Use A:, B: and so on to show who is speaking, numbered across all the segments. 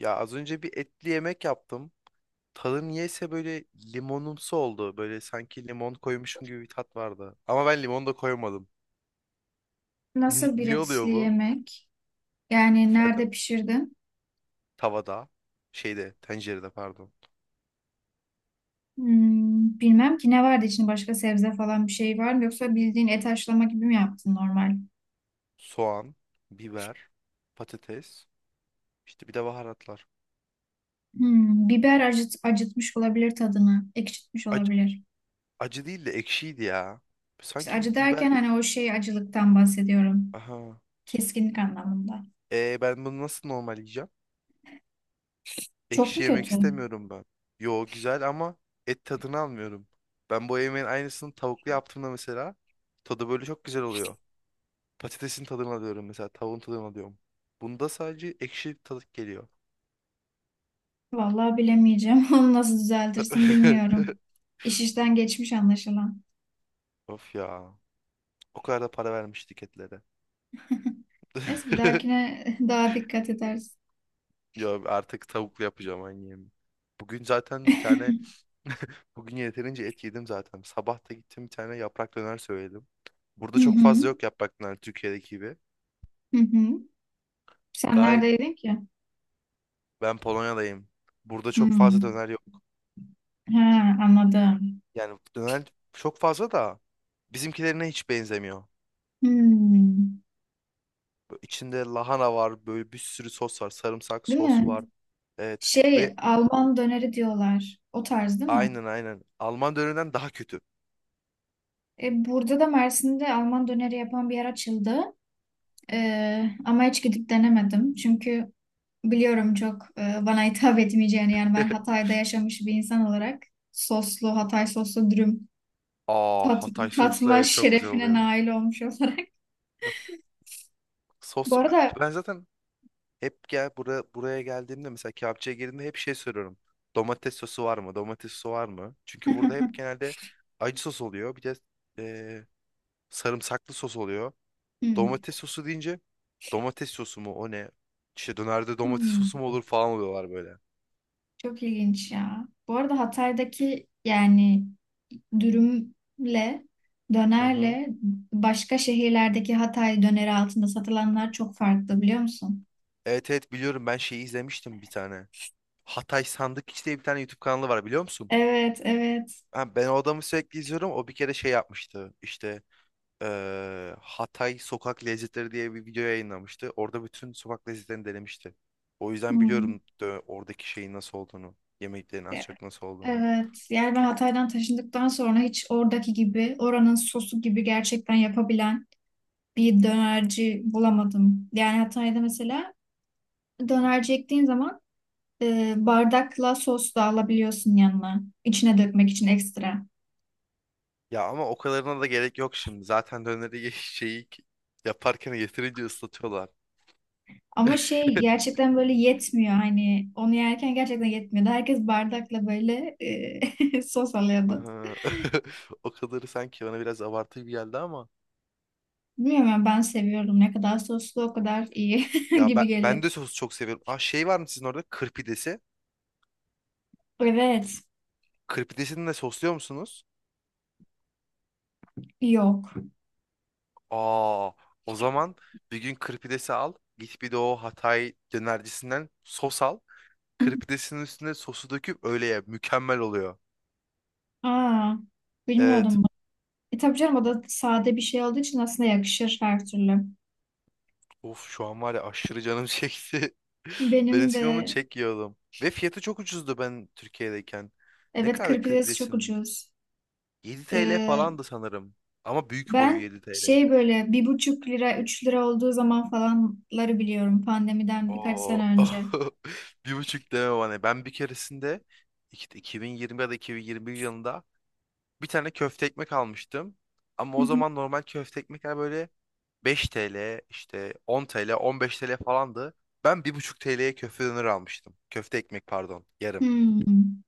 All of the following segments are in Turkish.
A: Ya az önce bir etli yemek yaptım. Tadı niyeyse böyle limonumsu oldu. Böyle sanki limon koymuşum gibi bir tat vardı. Ama ben limon da koymadım.
B: Nasıl bir
A: Niye
B: etli
A: oluyor bu?
B: yemek? Yani
A: Efendim?
B: nerede pişirdin?
A: Tavada, şeyde, tencerede pardon.
B: Hmm, bilmem ki ne vardı içinde başka sebze falan bir şey var mı? Yoksa bildiğin et haşlama gibi mi yaptın normal?
A: Soğan, biber, patates, işte bir de baharatlar.
B: Hmm, acıtmış olabilir tadını. Ekşitmiş
A: Acı,
B: olabilir.
A: acı değil de ekşiydi ya.
B: İşte
A: Sanki
B: acı
A: bir biber.
B: derken hani o şey acılıktan bahsediyorum.
A: Aha.
B: Keskinlik anlamında.
A: E ben bunu nasıl normal yiyeceğim?
B: Çok
A: Ekşi
B: mu
A: yemek
B: kötü?
A: istemiyorum ben. Yo, güzel ama et tadını almıyorum. Ben bu yemeğin aynısını tavuklu yaptığımda mesela tadı böyle çok güzel oluyor. Patatesin tadını alıyorum, mesela tavuğun tadını alıyorum. Bunda sadece ekşi tadı geliyor.
B: Vallahi bilemeyeceğim. Onu nasıl düzeltirsin bilmiyorum. İş işten geçmiş anlaşılan.
A: Of ya. O kadar da para vermiştik etlere.
B: Neyse bir dahakine daha dikkat edersin.
A: Yo, artık tavuklu yapacağım aynı yemeği. Bugün zaten bir tane bugün yeterince et yedim zaten. Sabah da gittim, bir tane yaprak döner söyledim. Burada
B: Hı
A: çok
B: hı.
A: fazla yok yaprak döner, Türkiye'deki gibi.
B: Hı hı. Sen
A: Gayet.
B: neredeydin ki?
A: Ben Polonya'dayım. Burada çok fazla
B: Hmm.
A: döner yok.
B: Ha, anladım.
A: Yani döner çok fazla da bizimkilerine hiç benzemiyor.
B: Hmm.
A: Böyle İçinde lahana var, böyle bir sürü sos var, sarımsak
B: Değil
A: sos
B: mi?
A: var. Evet
B: Şey,
A: ve
B: Alman döneri diyorlar. O tarz değil mi?
A: aynen aynen Alman dönerinden daha kötü.
B: Burada da Mersin'de Alman döneri yapan bir yer açıldı. Ama hiç gidip denemedim. Çünkü biliyorum çok bana hitap etmeyeceğini. Yani ben Hatay'da yaşamış bir insan olarak soslu, Hatay soslu dürüm
A: Aa,
B: tat,
A: Hatay soslu,
B: tatma
A: evet, çok güzel
B: şerefine
A: oluyor.
B: nail olmuş olarak. Bu
A: Sos,
B: arada
A: ben zaten hep gel buraya buraya geldiğimde mesela kebapçıya girdiğimde hep şey soruyorum. Domates sosu var mı? Domates sosu var mı? Çünkü burada hep genelde acı sos oluyor. Bir de e, sarımsaklı sos oluyor.
B: Hmm.
A: Domates sosu deyince domates sosu mu o ne? İşte dönerde domates
B: Hmm.
A: sosu mu olur falan oluyorlar böyle.
B: Çok ilginç ya. Bu arada Hatay'daki yani dürümle
A: Hı hı.
B: dönerle başka şehirlerdeki Hatay döneri altında satılanlar çok farklı biliyor musun?
A: Evet, evet, biliyorum. Ben şeyi izlemiştim bir tane. Hatay Sandıkçı diye bir tane YouTube kanalı var, biliyor musun?
B: Evet, evet.
A: Ha, ben o adamı sürekli izliyorum. O bir kere şey yapmıştı. İşte Hatay Sokak Lezzetleri diye bir video yayınlamıştı. Orada bütün sokak lezzetlerini denemişti. O yüzden
B: Hmm.
A: biliyorum, oradaki şeyin nasıl olduğunu. Yemeklerin az
B: E-
A: çok nasıl olduğunu.
B: Evet. Yani ben Hatay'dan taşındıktan sonra hiç oradaki gibi, oranın sosu gibi gerçekten yapabilen bir dönerci bulamadım. Yani Hatay'da mesela dönerci ektiğin zaman bardakla sos da alabiliyorsun yanına. İçine dökmek için ekstra.
A: Ya ama o kadarına da gerek yok şimdi. Zaten döneri şeyi yaparken yeterince ıslatıyorlar.
B: Ama şey gerçekten böyle yetmiyor hani onu yerken gerçekten yetmiyordu. Herkes bardakla böyle sos alıyordu.
A: Aha. O kadarı sanki bana biraz abartı gibi geldi ama.
B: Bilmiyorum ya, ben seviyorum. Ne kadar soslu o kadar iyi
A: Ya ben,
B: gibi geliyor.
A: ben de sosu çok seviyorum. Aa, şey var mı sizin orada? Kırpidesi.
B: Evet.
A: Kırpidesini de sosluyor musunuz?
B: Yok.
A: Aa, o zaman bir gün kırpidesi al. Git bir de o Hatay dönercisinden sos al. Kırpidesinin üstüne sosu döküp öyle ye. Mükemmel oluyor.
B: Aa, bilmiyordum
A: Evet.
B: bunu. E tabii canım o da sade bir şey olduğu için aslında yakışır her türlü.
A: Of, şu an var ya, aşırı canım çekti. Ben
B: Benim
A: eskiden onu
B: de
A: çek yiyordum. Ve fiyatı çok ucuzdu ben Türkiye'deyken. Ne
B: evet kır
A: kadar
B: pidesi çok
A: kriplisin?
B: ucuz.
A: 7 TL
B: Ee,
A: falandı sanırım. Ama büyük boyu
B: Ben
A: 7 TL'ydi.
B: şey böyle bir buçuk lira üç lira olduğu zaman falanları biliyorum pandemiden birkaç sene
A: Oo.
B: önce.
A: 1,5 deme bana. Ben bir keresinde 2020 ya da 2021 yılında bir tane köfte ekmek almıştım. Ama
B: Hı
A: o
B: hı.
A: zaman normal köfte ekmekler böyle 5 TL, işte 10 TL, 15 TL falandı. Ben 1,5 TL'ye köfte döner almıştım. Köfte ekmek, pardon, yarım.
B: Hmm,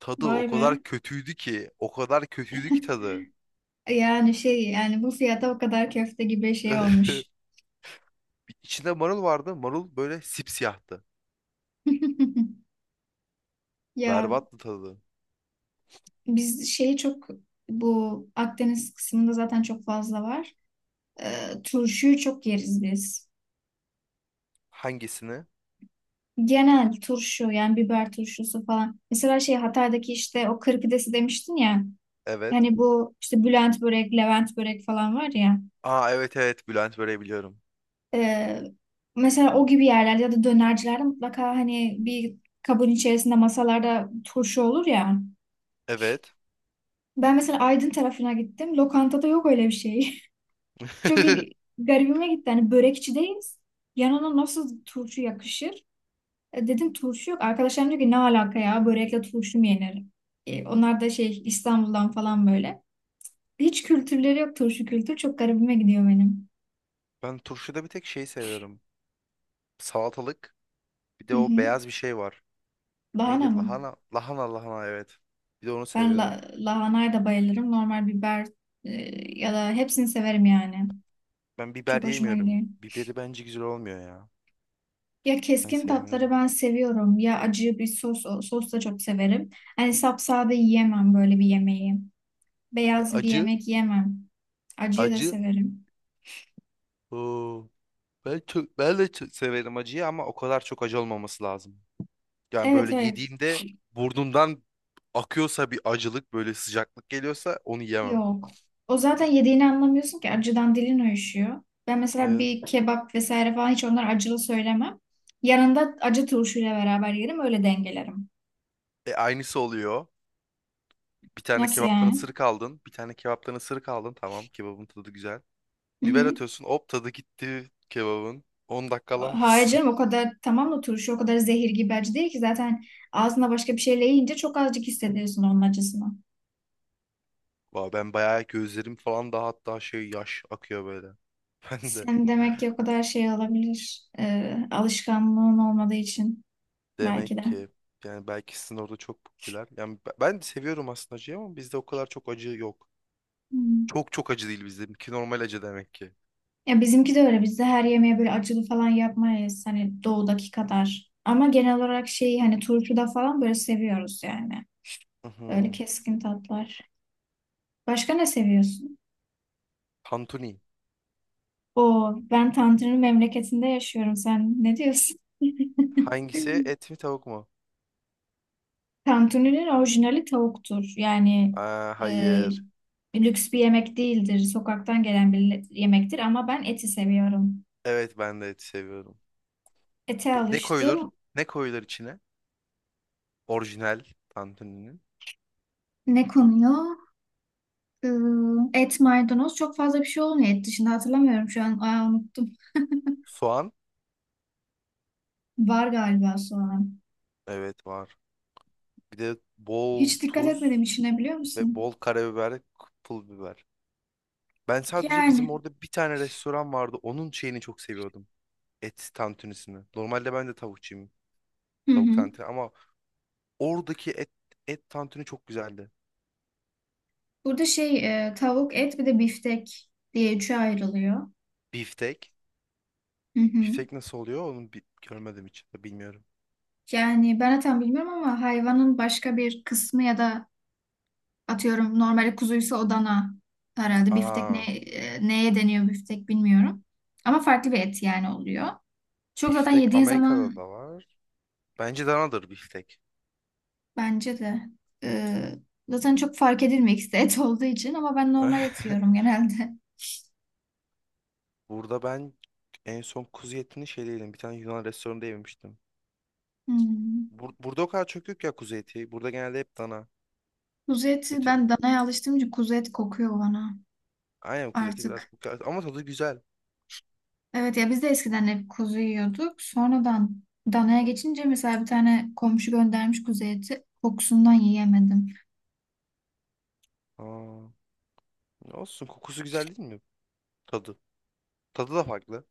A: Tadı
B: vay
A: o
B: be.
A: kadar kötüydü ki. O kadar kötüydü ki tadı.
B: Yani şey yani bu fiyata o kadar köfte gibi şey olmuş.
A: İçinde marul vardı. Marul böyle sipsiyahtı.
B: Ya
A: Berbattı tadı.
B: biz şeyi çok bu Akdeniz kısmında zaten çok fazla var. Turşuyu çok yeriz biz.
A: Hangisini?
B: Genel turşu yani biber turşusu falan. Mesela şey Hatay'daki işte o kır demiştin ya.
A: Evet.
B: Hani bu işte Bülent börek, Levent börek falan var ya.
A: Aa, evet, evet, Bülent böyle biliyorum.
B: Ee, Mesela o gibi yerlerde ya da dönercilerde mutlaka hani bir kabın içerisinde masalarda turşu olur ya.
A: Evet.
B: Ben mesela Aydın tarafına gittim. Lokantada yok öyle bir şey. Çok il- Garibime gitti. Hani börekçideyiz. Yanına nasıl turşu yakışır? Dedim turşu yok. Arkadaşlarım diyor ki ne alaka ya börekle turşu mu yenir? Onlar da şey İstanbul'dan falan böyle. Hiç kültürleri yok turşu kültür. Çok garibime gidiyor benim.
A: Ben turşuda bir tek şey seviyorum. Salatalık. Bir
B: Hı
A: de o
B: hı.
A: beyaz bir şey var.
B: Lahana
A: Neydi?
B: mı?
A: Lahana. Lahana lahana, evet. Bir de onu
B: Ben
A: seviyorum.
B: lahanaya da bayılırım. Normal biber e, ya da hepsini severim yani.
A: Ben biber
B: Çok hoşuma gidiyor.
A: yemiyorum. Biberi bence güzel olmuyor ya.
B: Ya
A: Ben
B: keskin tatları
A: sevmiyorum.
B: ben seviyorum ya acı bir sos da çok severim. Hani sapsade yiyemem böyle bir yemeği.
A: E,
B: Beyaz bir
A: acı.
B: yemek yemem. Acıyı da
A: Acı.
B: severim.
A: Oo. Ben de çok severim acıyı, ama o kadar çok acı olmaması lazım. Yani
B: Evet,
A: böyle
B: evet,
A: yediğimde burnumdan akıyorsa, bir acılık böyle sıcaklık geliyorsa, onu yemem.
B: yok. O zaten yediğini anlamıyorsun ki acıdan dilin uyuşuyor. Ben mesela
A: Evet.
B: bir kebap vesaire falan hiç onlar acılı söylemem. Yanında acı turşuyla beraber yerim öyle dengelerim.
A: E, aynısı oluyor. Bir tane
B: Nasıl
A: kebaptan
B: yani?
A: ısırık aldın. Bir tane kebaptan ısırık aldın. Tamam, kebabın tadı güzel.
B: Hı
A: Biber
B: hı.
A: atıyorsun, hop, tadı gitti kebabın. 10 dakika
B: Hayır
A: alamazsın.
B: canım o kadar tamam da turşu o kadar zehir gibi acı değil ki zaten ağzına başka bir şeyle yiyince çok azıcık hissediyorsun onun acısını.
A: Vay, ben bayağı gözlerim falan da hatta şey yaş akıyor böyle. Ben de.
B: Sen demek ki o kadar şey olabilir alışkanlığın olmadığı için belki
A: Demek
B: de.
A: ki yani belki sizin orada çok popüler. Yani ben de seviyorum aslında acıyı, ama bizde o kadar çok acı yok.
B: Hmm.
A: Çok çok acı değil bizde. Ki normal acı demek ki.
B: Ya bizimki de öyle bizde her yemeğe böyle acılı falan yapmayız hani doğudaki kadar. Ama genel olarak şeyi hani turşuda falan böyle seviyoruz yani. Öyle
A: Hı.
B: keskin tatlar. Başka ne seviyorsun?
A: Tantuni.
B: O ben Tanrı'nın memleketinde yaşıyorum sen ne diyorsun?
A: Hangisi? Et mi, tavuk mu?
B: Tantuninin orijinali tavuktur. Yani
A: Aa,
B: e,
A: hayır.
B: lüks bir yemek değildir. Sokaktan gelen bir yemektir ama ben eti seviyorum.
A: Evet, ben de et seviyorum.
B: Ete
A: Ne koyulur?
B: alıştım.
A: Ne koyulur içine? Orijinal tantuninin.
B: Ne konuyor? Ee, Et, maydanoz çok fazla bir şey olmuyor et dışında hatırlamıyorum şu an. Aa, unuttum.
A: Soğan.
B: Var galiba soğan.
A: Evet, var. Bir de bol
B: Hiç dikkat etmedim
A: tuz
B: içine biliyor
A: ve
B: musun?
A: bol karabiber, pul biber. Ben sadece
B: Yani.
A: bizim orada bir tane restoran vardı. Onun şeyini çok seviyordum. Et tantunisini. Normalde ben de tavukçuyum.
B: Hı
A: Tavuk
B: hı.
A: tantuni, ama oradaki et tantuni çok güzeldi.
B: Burada şey tavuk, et bir de biftek diye üçe ayrılıyor.
A: Biftek.
B: Hı hı.
A: Biftek nasıl oluyor? Onu görmedim hiç. Bilmiyorum.
B: Yani ben zaten bilmiyorum ama hayvanın başka bir kısmı ya da atıyorum normali kuzuysa Adana herhalde biftek
A: Aa,
B: neye deniyor biftek bilmiyorum. Ama farklı bir et yani oluyor. Çok zaten
A: biftek
B: yediğin
A: Amerika'da
B: zaman
A: da var. Bence danadır biftek.
B: bence de e, zaten çok fark edilmek et olduğu için ama ben normal et yiyorum genelde.
A: Burada ben en son kuzu etini şeyde yedim. Bir tane Yunan restoranında yemiştim.
B: Hmm.
A: Burada o kadar çok yok ya kuzu eti. Burada genelde hep dana.
B: Kuzu eti
A: Kötü.
B: ben danaya alıştığım için kuzu et kokuyor bana
A: Aynen, kuzu eti biraz
B: artık.
A: kokuyor. Ama tadı güzel.
B: Evet ya biz de eskiden hep kuzu yiyorduk. Sonradan danaya geçince mesela bir tane komşu göndermiş kuzu eti kokusundan yiyemedim.
A: Aa, olsun, kokusu güzel değil mi? Tadı. Tadı da farklı.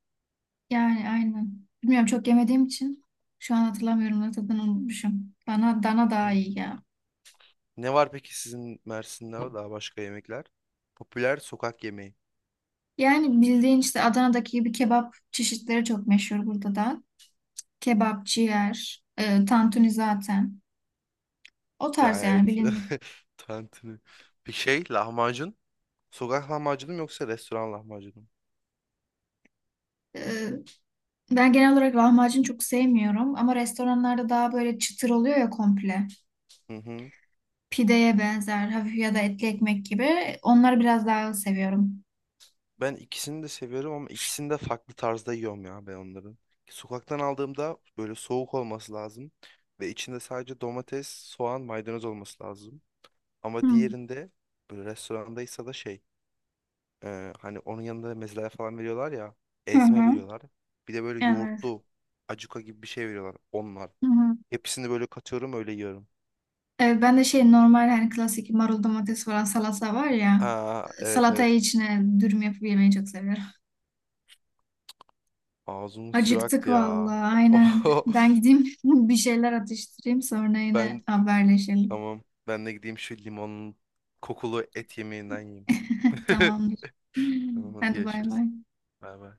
B: Yani aynen. Bilmiyorum çok yemediğim için şu an hatırlamıyorum ne tadını unutmuşum. Dana daha
A: Hmm.
B: iyi ya.
A: Ne var peki sizin Mersin'de daha başka yemekler? Popüler sokak yemeği.
B: Yani bildiğin işte Adana'daki gibi kebap çeşitleri çok meşhur burada da. Kebap, ciğer, tantuni zaten. O tarz
A: Yani
B: yani
A: evet.
B: bilindik.
A: Tantuni. Bir şey lahmacun. Sokak lahmacunu mu yoksa restoran lahmacunu mu?
B: E, Ben genel olarak lahmacun çok sevmiyorum ama restoranlarda daha böyle çıtır oluyor ya komple.
A: Hı hı.
B: Pideye benzer hafif ya da etli ekmek gibi. Onları biraz daha seviyorum.
A: Ben ikisini de seviyorum ama ikisini de farklı tarzda yiyorum ya ben onların. Sokaktan aldığımda böyle soğuk olması lazım. Ve içinde sadece domates, soğan, maydanoz olması lazım. Ama
B: Hmm.
A: diğerinde böyle restorandaysa da şey. Hani onun yanında mezeler falan veriyorlar ya.
B: Hı
A: Ezme
B: hı.
A: veriyorlar. Bir de böyle
B: Evet.
A: yoğurtlu acuka gibi bir şey veriyorlar. Onlar.
B: Hı hı.
A: Hepsini böyle katıyorum, öyle yiyorum.
B: Evet, ben de şey normal hani klasik marul domates falan salata var ya.
A: Aa, evet,
B: Salatayı
A: evet.
B: içine dürüm yapıp yemeyi çok seviyorum.
A: Ağzımın suyu
B: Acıktık
A: aktı ya.
B: vallahi aynen.
A: Oho.
B: Ben gideyim bir şeyler atıştırayım sonra yine
A: Ben,
B: haberleşelim.
A: tamam. Ben de gideyim şu limonun kokulu et yemeğinden yiyeyim.
B: Tamamdır.
A: Tamam, hadi
B: Hadi bay
A: görüşürüz.
B: bay.
A: Bay bay.